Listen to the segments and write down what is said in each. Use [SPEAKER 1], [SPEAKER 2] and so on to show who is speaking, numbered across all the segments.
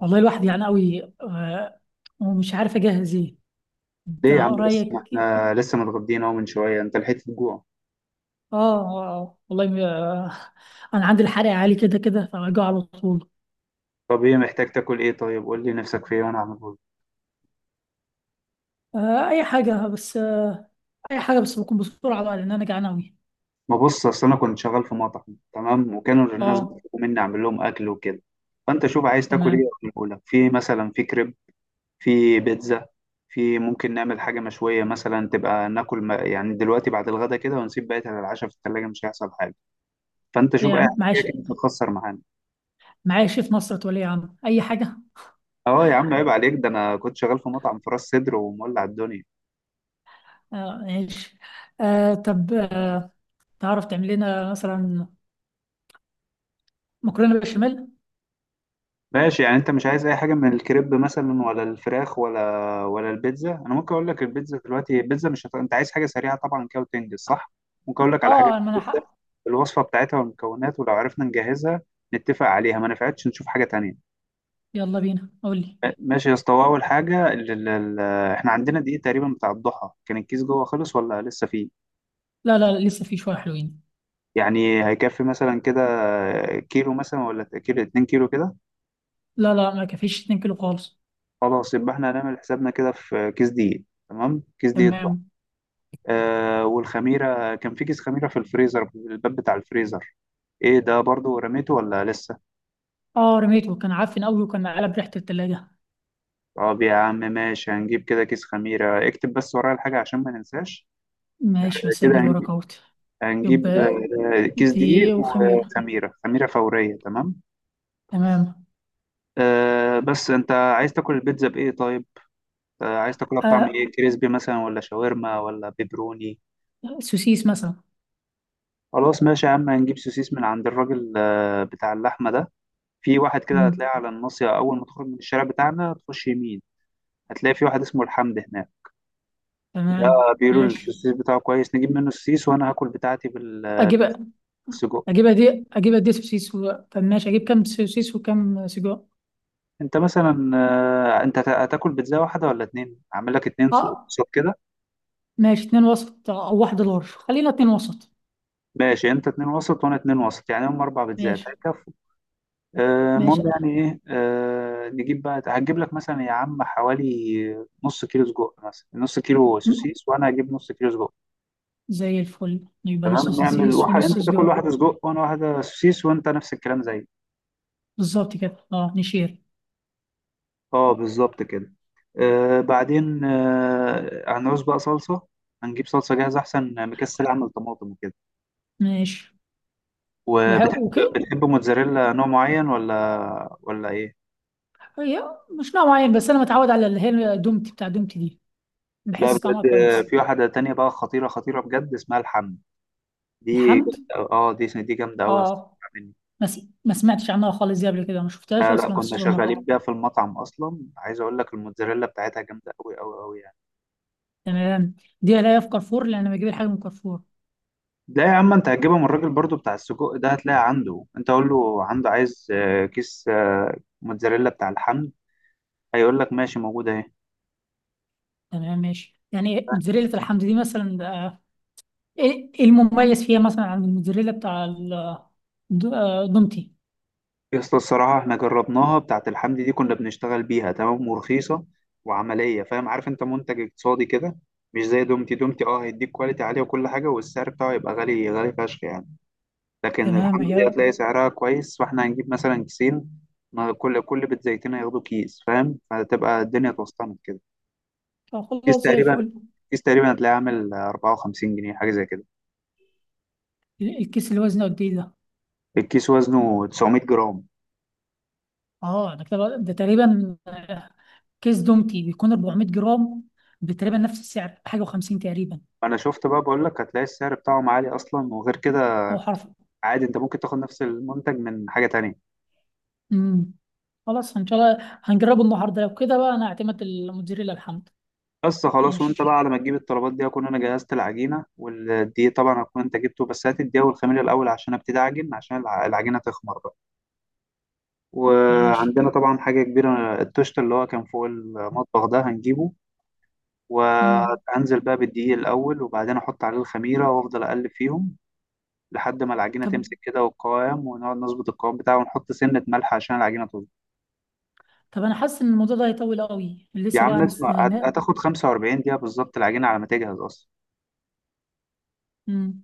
[SPEAKER 1] والله الواحد يعني قوي ومش عارف اجهز ايه؟ انت
[SPEAKER 2] ليه يا عم؟ بس ما
[SPEAKER 1] رايك؟
[SPEAKER 2] احنا لسه متغدين اهو من شويه، انت لحقت الجوع؟
[SPEAKER 1] اه. آه، والله انا عندي الحرق عالي كده كده، فبجوع على طول.
[SPEAKER 2] طب ايه؟ محتاج تاكل ايه طيب؟ قول لي نفسك في ايه وانا اعمله لك.
[SPEAKER 1] اي حاجه بس. اي حاجه بس بكون بسرعه بقى، لان انا جعان قوي.
[SPEAKER 2] ما بص، اصل انا كنت شغال في مطعم، تمام، وكانوا الناس
[SPEAKER 1] اه.
[SPEAKER 2] بيطلبوا مني اعمل لهم اكل وكده. فانت شوف عايز تاكل ايه.
[SPEAKER 1] تمام.
[SPEAKER 2] اعمله لك. في مثلا في كريب، في بيتزا، في ممكن نعمل حاجه مشويه مثلا تبقى ناكل، ما يعني دلوقتي بعد الغدا كده، ونسيب بقيتها للعشاء في الثلاجه، مش هيحصل حاجه. فانت
[SPEAKER 1] إيه
[SPEAKER 2] شوف
[SPEAKER 1] يا
[SPEAKER 2] اي
[SPEAKER 1] عم، معايا
[SPEAKER 2] حاجه. كده تخسر معانا.
[SPEAKER 1] معايا شيف نصرة ولي عم اي حاجه.
[SPEAKER 2] اه يا عم، عيب عليك، ده انا كنت شغال في مطعم في راس سدر ومولع الدنيا.
[SPEAKER 1] آه، ماشي. آه، طب، تعرف تعمل لنا مثلا مكرونه بشاميل؟
[SPEAKER 2] ماشي، يعني انت مش عايز اي حاجه من الكريب مثلا، ولا الفراخ، ولا البيتزا. انا ممكن اقول لك البيتزا دلوقتي. البيتزا مش هت... انت عايز حاجه سريعه طبعا كده وتنجز، صح؟ ممكن اقول لك على حاجات
[SPEAKER 1] اه ما انا
[SPEAKER 2] البيتزا،
[SPEAKER 1] حق.
[SPEAKER 2] الوصفه بتاعتها والمكونات، ولو عرفنا نجهزها نتفق عليها، ما نفعتش نشوف حاجه تانية.
[SPEAKER 1] يلا بينا، قول لي.
[SPEAKER 2] ماشي يا اسطى، اول حاجه احنا عندنا دقيق تقريبا بتاع الضحى، كان الكيس جوه خلص ولا لسه فيه؟
[SPEAKER 1] لا لا لا، لسه في شويه حلوين.
[SPEAKER 2] يعني هيكفي مثلا كده كيلو مثلا، ولا كيلو 2 كيلو كده؟
[SPEAKER 1] لا لا، ما كفيش 2 كيلو خالص.
[SPEAKER 2] خلاص، يبقى احنا هنعمل حسابنا كده في كيس دقيق. تمام، كيس دقيق.
[SPEAKER 1] تمام.
[SPEAKER 2] والخميرة، كان في كيس خميرة في الفريزر، في الباب بتاع الفريزر، ايه ده؟ برضو رميته ولا لسه؟
[SPEAKER 1] اه، رميته، كان عفن قوي وكان قلب ريحة التلاجة.
[SPEAKER 2] طب يا عم ماشي، هنجيب كده كيس خميرة. اكتب بس ورايا الحاجة عشان ما ننساش.
[SPEAKER 1] ماشي،
[SPEAKER 2] كده
[SPEAKER 1] مسجل وراك
[SPEAKER 2] هنجيب,
[SPEAKER 1] اهوت.
[SPEAKER 2] هنجيب
[SPEAKER 1] يبقى
[SPEAKER 2] كيس دقيق
[SPEAKER 1] دقيقة وخميرة،
[SPEAKER 2] وخميرة، خميرة فورية، تمام.
[SPEAKER 1] تمام.
[SPEAKER 2] بس انت عايز تاكل البيتزا بايه طيب؟ عايز تاكلها بطعم
[SPEAKER 1] آه
[SPEAKER 2] ايه؟ كريسبي مثلا، ولا شاورما، ولا بيبروني؟
[SPEAKER 1] سوسيس مثلا.
[SPEAKER 2] خلاص ماشي يا عم، هنجيب سوسيس من عند الراجل بتاع اللحمة ده. في واحد كده هتلاقيه
[SPEAKER 1] مم.
[SPEAKER 2] على الناصية، أول ما تخرج من الشارع بتاعنا تخش يمين. هتلاقي في واحد اسمه الحمد هناك. ده
[SPEAKER 1] تمام،
[SPEAKER 2] بيقولوا
[SPEAKER 1] ماشي،
[SPEAKER 2] السيس بتاعه كويس، نجيب منه السيس. وأنا هاكل بتاعتي
[SPEAKER 1] اجيبها.
[SPEAKER 2] بالسجق.
[SPEAKER 1] اجيبها دي، اجيبها دي سوسيس. طب ماشي، اجيب كام سوسيس وكام سجق؟
[SPEAKER 2] أنت مثلا أنت هتاكل بيتزا واحدة ولا اتنين؟ أعمل لك اتنين
[SPEAKER 1] اه
[SPEAKER 2] وسط كده.
[SPEAKER 1] ماشي، اتنين وسط او واحدة لارج، خلينا اتنين وسط.
[SPEAKER 2] ماشي، أنت اتنين وسط وأنا اتنين وسط، يعني هم أربع بيتزات
[SPEAKER 1] ماشي.
[SPEAKER 2] هيكفوا.
[SPEAKER 1] ماشي،
[SPEAKER 2] المهم، يعني إيه نجيب بقى، هتجيب لك مثلا يا عم حوالي نص كيلو سجق، مثلا نص كيلو
[SPEAKER 1] مم.
[SPEAKER 2] سوسيس، وأنا هجيب نص كيلو سجق.
[SPEAKER 1] زي الفل، يبقى نص
[SPEAKER 2] تمام نعمل
[SPEAKER 1] سوسيس
[SPEAKER 2] واحد،
[SPEAKER 1] ونص
[SPEAKER 2] انت تاكل
[SPEAKER 1] سجق.
[SPEAKER 2] واحده سجق وانا واحده سوسيس، وانت نفس الكلام زي.
[SPEAKER 1] بالظبط كده، اه نشير.
[SPEAKER 2] اه بالظبط كده. بعدين هنعوز بقى صلصه. هنجيب صلصه جاهزه احسن، مكسل اعمل طماطم وكده.
[SPEAKER 1] ماشي
[SPEAKER 2] وبتحب
[SPEAKER 1] وكده.
[SPEAKER 2] بتحب موتزاريلا نوع معين ولا ايه؟
[SPEAKER 1] هي مش نوع معين، بس انا متعود على اللي هي دومتي، بتاع دومتي دي.
[SPEAKER 2] لا
[SPEAKER 1] بحس طعمها
[SPEAKER 2] بجد
[SPEAKER 1] كويس.
[SPEAKER 2] في واحده تانية بقى خطيره خطيره بجد، اسمها الحم.
[SPEAKER 1] الحمد.
[SPEAKER 2] اه دي جامده قوي يا اسطى.
[SPEAKER 1] اه،
[SPEAKER 2] مني.
[SPEAKER 1] ما سمعتش عنها خالص دي قبل كده، ما شفتهاش
[SPEAKER 2] لا، لا،
[SPEAKER 1] اصلا في
[SPEAKER 2] كنا
[SPEAKER 1] السوبر
[SPEAKER 2] شغالين
[SPEAKER 1] ماركت.
[SPEAKER 2] بيها في المطعم اصلا. عايز اقول لك الموتزاريلا بتاعتها جامده قوي قوي قوي.
[SPEAKER 1] تمام. دي الاقيها في كارفور، لان انا بجيب الحاجه من كارفور.
[SPEAKER 2] لا يا عم، انت هتجيبها من الراجل برضو بتاع السجق ده، هتلاقي عنده. انت قول له عنده عايز كيس موتزاريلا بتاع الحمد. هيقول لك ماشي، موجودة اهي.
[SPEAKER 1] تمام ماشي، يعني موتزاريلا الحمد دي مثلا، ايه المميز فيها مثلا عن الموتزاريلا بتاع دومتي؟
[SPEAKER 2] يا اسطى الصراحة، احنا جربناها، بتاعة الحمد دي كنا بنشتغل بيها، تمام، ورخيصة. وعملية، فاهم، عارف انت، منتج اقتصادي كده. مش زي دومتي، دومتي اه هيديك كواليتي عالية وكل حاجة، والسعر بتاعه يبقى غالي غالي فشخ يعني. لكن
[SPEAKER 1] تمام
[SPEAKER 2] الحمد دي
[SPEAKER 1] هي.
[SPEAKER 2] هتلاقي سعرها كويس، فاحنا هنجيب مثلا كيسين. ما كل بيت زيتين هياخدوا كيس، فاهم، فهتبقى الدنيا اتوسطنت كده. الكيس
[SPEAKER 1] خلاص زي
[SPEAKER 2] تقريبا
[SPEAKER 1] الفل.
[SPEAKER 2] الكيس تقريبا هتلاقيه عامل 54 جنيه حاجه زي كده.
[SPEAKER 1] الكيس اللي وزنه قد ايه ده؟
[SPEAKER 2] الكيس وزنه 900 جرام.
[SPEAKER 1] اه، ده كده ده تقريبا. كيس دومتي بيكون 400 جرام، بتقريبا نفس السعر، حاجه و50 تقريبا.
[SPEAKER 2] انا شفت بقى، بقول لك هتلاقي السعر بتاعهم عالي اصلا. وغير كده،
[SPEAKER 1] او حرف.
[SPEAKER 2] عادي انت ممكن تاخد نفس المنتج من حاجه تانية.
[SPEAKER 1] امم. خلاص ان شاء الله هنجربه النهارده لو كده بقى، انا اعتمد الموتزاريلا الحمد.
[SPEAKER 2] بس خلاص، وانت
[SPEAKER 1] ماشي.
[SPEAKER 2] بقى على ما تجيب الطلبات دي اكون انا جهزت العجينه. والدقيق طبعا هكون انت جبته، بس هات الدقيق والخميره الاول عشان ابتدي اعجن، عشان العجينه تخمر بقى.
[SPEAKER 1] ماشي،
[SPEAKER 2] وعندنا طبعا حاجه كبيره، التوست اللي هو كان فوق المطبخ ده هنجيبه.
[SPEAKER 1] امم.
[SPEAKER 2] وهنزل بقى بالدقيق الأول، وبعدين أحط عليه الخميرة وأفضل أقلب فيهم. لحد ما العجينه
[SPEAKER 1] طب
[SPEAKER 2] تمسك كده والقوام، ونقعد نظبط القوام بتاعه، ونحط سنه ملح عشان العجينه تظبط.
[SPEAKER 1] طب انا حاسس ان الموضوع ده هيطول قوي،
[SPEAKER 2] يا
[SPEAKER 1] لسه بقى
[SPEAKER 2] عم اسمع،
[SPEAKER 1] هنستنى.
[SPEAKER 2] هتاخد 45 دقيقه بالظبط العجينه على ما تجهز اصلا.
[SPEAKER 1] امم.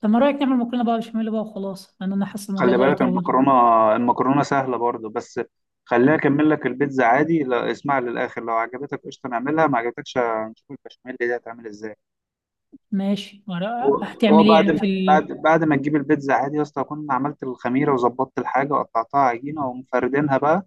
[SPEAKER 1] طب، ما رايك نعمل مكرونه بقى بشاميل بقى وخلاص، لان انا حاسس الموضوع
[SPEAKER 2] خلي
[SPEAKER 1] ده
[SPEAKER 2] بالك
[SPEAKER 1] هيطول.
[SPEAKER 2] المكرونه. المكرونه سهله برضه بس. خليها اكمل لك البيتزا عادي، لا اسمع للاخر، لو عجبتك قشطه نعملها، ما عجبتكش هنشوف البشاميل دي هتعمل ازاي.
[SPEAKER 1] ماشي، ما رأ-
[SPEAKER 2] هو
[SPEAKER 1] هتعمل ايه
[SPEAKER 2] بعد
[SPEAKER 1] يعني في
[SPEAKER 2] بعد بعد ما تجيب البيتزا عادي يا اسطى، اكون عملت الخميره وظبطت الحاجه وقطعتها عجينه ومفردينها بقى.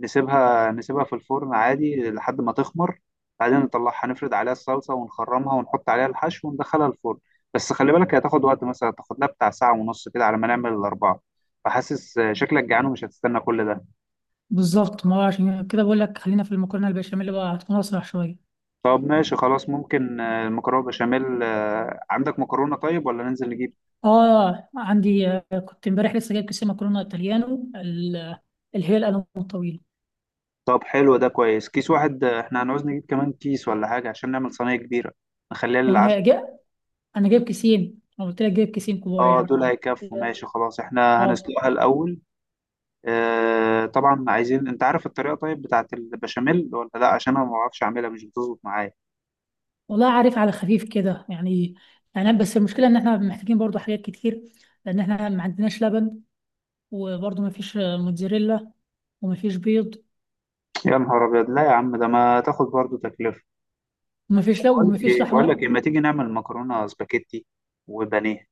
[SPEAKER 2] نسيبها في الفرن عادي لحد ما تخمر. بعدين نطلعها، نفرد عليها الصلصة ونخرمها ونحط عليها الحشو وندخلها الفرن. بس خلي بالك، هي هتاخد وقت مثلا، تاخد لها بتاع ساعة ونص كده على ما نعمل الأربعة. فحاسس شكلك جعان ومش هتستنى كل ده.
[SPEAKER 1] بالظبط، ما هو عشان كده بقول لك، خلينا في المكرونه البشاميل بقى هتكون اسرع شويه.
[SPEAKER 2] طب ماشي خلاص، ممكن المكرونة بشاميل. عندك مكرونة طيب، ولا ننزل نجيب؟
[SPEAKER 1] اه عندي، كنت امبارح لسه جايب كيسين مكرونه ايطاليانو اللي هي القلم الطويل.
[SPEAKER 2] طب حلو ده كويس، كيس واحد احنا هنعوز نجيب كمان كيس ولا حاجة عشان نعمل صينية كبيرة، نخليها
[SPEAKER 1] وانا
[SPEAKER 2] للعشاء.
[SPEAKER 1] جا انا جايب كيسين، انا قلت لك جايب كيسين كبار
[SPEAKER 2] اه
[SPEAKER 1] يعني.
[SPEAKER 2] دول هيكفوا، ماشي خلاص، احنا
[SPEAKER 1] اه.
[SPEAKER 2] هنسلقها الأول. طبعا عايزين، انت عارف الطريقه طيب بتاعت البشاميل ولا لا؟ عشان انا ما بعرفش اعملها، مش بتظبط معايا.
[SPEAKER 1] والله عارف على خفيف كده يعني. يعني بس المشكله ان احنا محتاجين برضو حاجات كتير، لان احنا ما عندناش لبن، وبرضو ما فيش موتزاريلا، وما فيش بيض،
[SPEAKER 2] يا نهار ابيض، لا يا عم، ده ما تاخد برضو تكلفه.
[SPEAKER 1] وما فيش لا،
[SPEAKER 2] بقول
[SPEAKER 1] وما
[SPEAKER 2] لك
[SPEAKER 1] فيش
[SPEAKER 2] ايه بقول لك ايه
[SPEAKER 1] لحمه.
[SPEAKER 2] ما تيجي نعمل مكرونه سباكيتي وبانيه.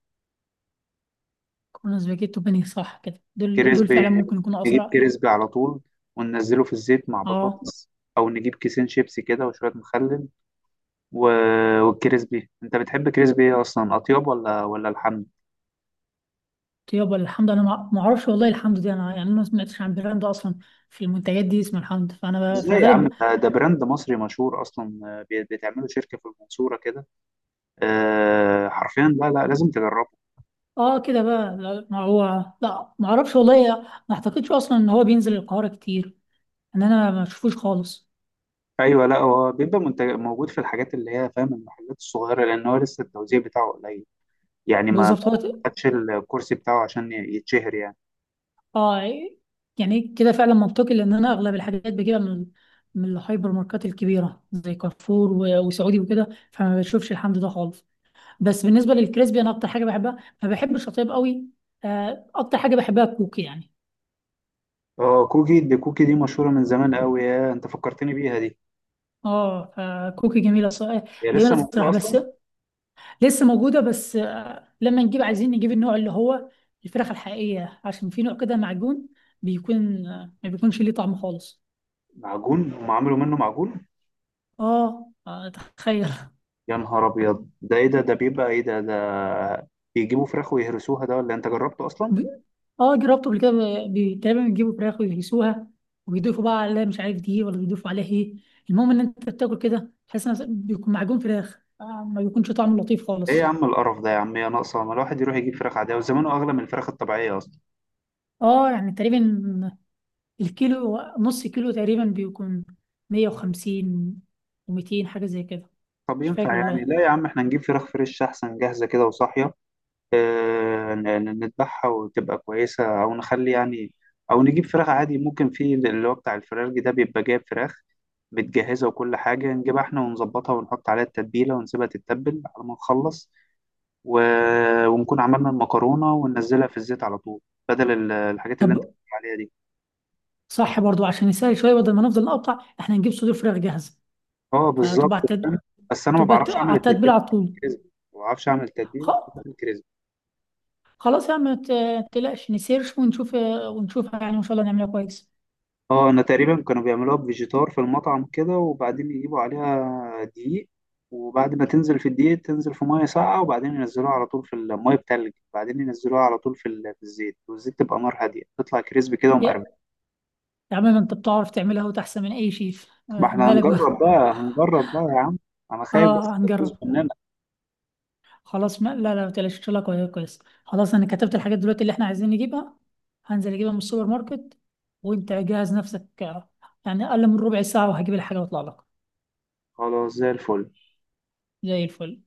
[SPEAKER 1] كنا سباجيتي وبانيه، صح كده، دول
[SPEAKER 2] كريسبي،
[SPEAKER 1] فعلا ممكن يكونوا
[SPEAKER 2] نجيب
[SPEAKER 1] اسرع.
[SPEAKER 2] كريسبي على طول، وننزله في الزيت مع
[SPEAKER 1] اه.
[SPEAKER 2] بطاطس. او نجيب كيسين شيبسي كده وشويه مخلل و... والكريسبي انت بتحب كريسبي ايه اصلا اطيب، ولا الحمد؟
[SPEAKER 1] يابا الحمد، انا ما اعرفش والله. الحمد دي انا يعني ما سمعتش عن براند اصلا في المنتجات دي اسمه الحمد، فانا بقى في
[SPEAKER 2] ازاي يا عم؟
[SPEAKER 1] الغالب.
[SPEAKER 2] ده براند مصري مشهور اصلا، بتعمله شركه في المنصوره كده. حرفيا لا، لا، لازم تجربه.
[SPEAKER 1] اه كده بقى، لا ما هو. لا ما اعرفش والله. ما اعتقدش اصلا ان هو بينزل القاهره كتير، ان انا ما اشوفوش خالص.
[SPEAKER 2] ايوه، لا هو بيبقى منتج موجود في الحاجات اللي هي، فاهم، المحلات الصغيره، لان هو لسه التوزيع بتاعه قليل. يعني ما
[SPEAKER 1] بالظبط هو
[SPEAKER 2] خدش الكرسي بتاعه عشان يتشهر يعني.
[SPEAKER 1] اه. يعني كده فعلا منطقي، لان انا اغلب الحاجات بجيبها من الهايبر ماركات الكبيره زي كارفور وسعودي وكده، فما بشوفش الحمد ده خالص. بس بالنسبه للكريسبي، انا اكتر حاجه بحبها، ما بحبش الشطيب قوي. اكتر حاجه بحبها الكوكي يعني.
[SPEAKER 2] اه كوكي دي مشهوره من زمان قوي، يا انت فكرتني بيها دي.
[SPEAKER 1] اه، فكوكي جميله صراحه.
[SPEAKER 2] هي
[SPEAKER 1] جميله
[SPEAKER 2] لسه موجوده
[SPEAKER 1] الصراحه، بس
[SPEAKER 2] اصلا؟
[SPEAKER 1] لسه موجوده بس. لما نجيب، عايزين نجيب النوع اللي هو الفراخ الحقيقيه، عشان في نوع كده معجون، بيكون ما بيكونش ليه طعم خالص.
[SPEAKER 2] معجون؟ هم عملوا منه معجون؟
[SPEAKER 1] اه، تخيل.
[SPEAKER 2] يا نهار ابيض، ده ايه ده بيبقى ايه ده. بيجيبوا فراخ ويهرسوها ده ولا إيه؟ انت جربته اصلا؟
[SPEAKER 1] ب- اه جربته قبل كده، تقريبا بيجيبوا فراخ ويهيسوها، ويضيفوا بقى عليها مش عارف دي ولا بيضيفوا عليها ايه. المهم ان انت بتاكل كده تحس إن بيكون معجون فراخ، ما بيكونش طعمه لطيف
[SPEAKER 2] ايه يا
[SPEAKER 1] خالص.
[SPEAKER 2] عم القرف ده، يا عم يا ناقصه، ما الواحد يروح يجيب فراخ عاديه، وزمانه اغلى من الفراخ الطبيعيه اصلا.
[SPEAKER 1] اه يعني تقريبا الكيلو، نص كيلو تقريبا بيكون 150 و200 حاجة زي كده.
[SPEAKER 2] طب
[SPEAKER 1] مش
[SPEAKER 2] ينفع
[SPEAKER 1] فاكر
[SPEAKER 2] يعني؟
[SPEAKER 1] والله.
[SPEAKER 2] لا يا عم، احنا نجيب فراخ فريش احسن، جاهزة كده وصاحية. اه، نذبحها وتبقى كويسة، او نخلي يعني. او نجيب فراخ عادي، ممكن في اللي هو بتاع الفراخ ده، بيبقى جايب فراخ متجهزة وكل حاجة، نجيبها احنا ونظبطها ونحط عليها التتبيلة ونسيبها تتبل على ما نخلص. و... ونكون عملنا المكرونة وننزلها في الزيت على طول، بدل الحاجات اللي انت
[SPEAKER 1] طب،
[SPEAKER 2] بتقول عليها دي.
[SPEAKER 1] صح برضو، عشان يسهل شوية، بدل ما نفضل نقطع احنا، نجيب صدور فراخ جاهزة،
[SPEAKER 2] اه
[SPEAKER 1] فتبقى
[SPEAKER 2] بالظبط،
[SPEAKER 1] على
[SPEAKER 2] فاهم. بس انا ما
[SPEAKER 1] تبقى
[SPEAKER 2] بعرفش اعمل
[SPEAKER 1] على
[SPEAKER 2] التتبيلة
[SPEAKER 1] التتبيل على
[SPEAKER 2] بتاعت
[SPEAKER 1] طول.
[SPEAKER 2] الكريسبي، ما بعرفش اعمل
[SPEAKER 1] خ...
[SPEAKER 2] التتبيلة بتاعت الكريسبي.
[SPEAKER 1] خلاص يا عم، ما تقلقش نسيرش ونشوف، ونشوفها يعني، وان شاء الله نعملها كويس.
[SPEAKER 2] اه، انا تقريبا كانوا بيعملوها بفيجيتار في المطعم كده، وبعدين يجيبوا عليها دقيق. وبعد ما تنزل في الدقيق، تنزل في ميه ساقعه، وبعدين ينزلوها على طول في الميه بتلج، بعدين ينزلوها على طول في الزيت، والزيت تبقى نار هاديه، تطلع كريسبي كده
[SPEAKER 1] يا
[SPEAKER 2] ومقرمش.
[SPEAKER 1] يا عم، ما انت بتعرف تعملها وتحسن من اي شيف،
[SPEAKER 2] ما احنا
[SPEAKER 1] مالك
[SPEAKER 2] هنجرب
[SPEAKER 1] بقى.
[SPEAKER 2] بقى، هنجرب بقى يا عم. انا خايف بس
[SPEAKER 1] اه
[SPEAKER 2] تبوظ
[SPEAKER 1] هنجرب.
[SPEAKER 2] مننا.
[SPEAKER 1] خلاص، ما لا لا، ما تقلقش، ان شاء الله كويس كويس. خلاص انا كتبت الحاجات دلوقتي اللي احنا عايزين نجيبها، هنزل اجيبها من السوبر ماركت، وانت جهز نفسك، يعني اقل من ربع ساعه وهجيب الحاجه واطلع لك.
[SPEAKER 2] خلاص، زي الفل.
[SPEAKER 1] زي الفل.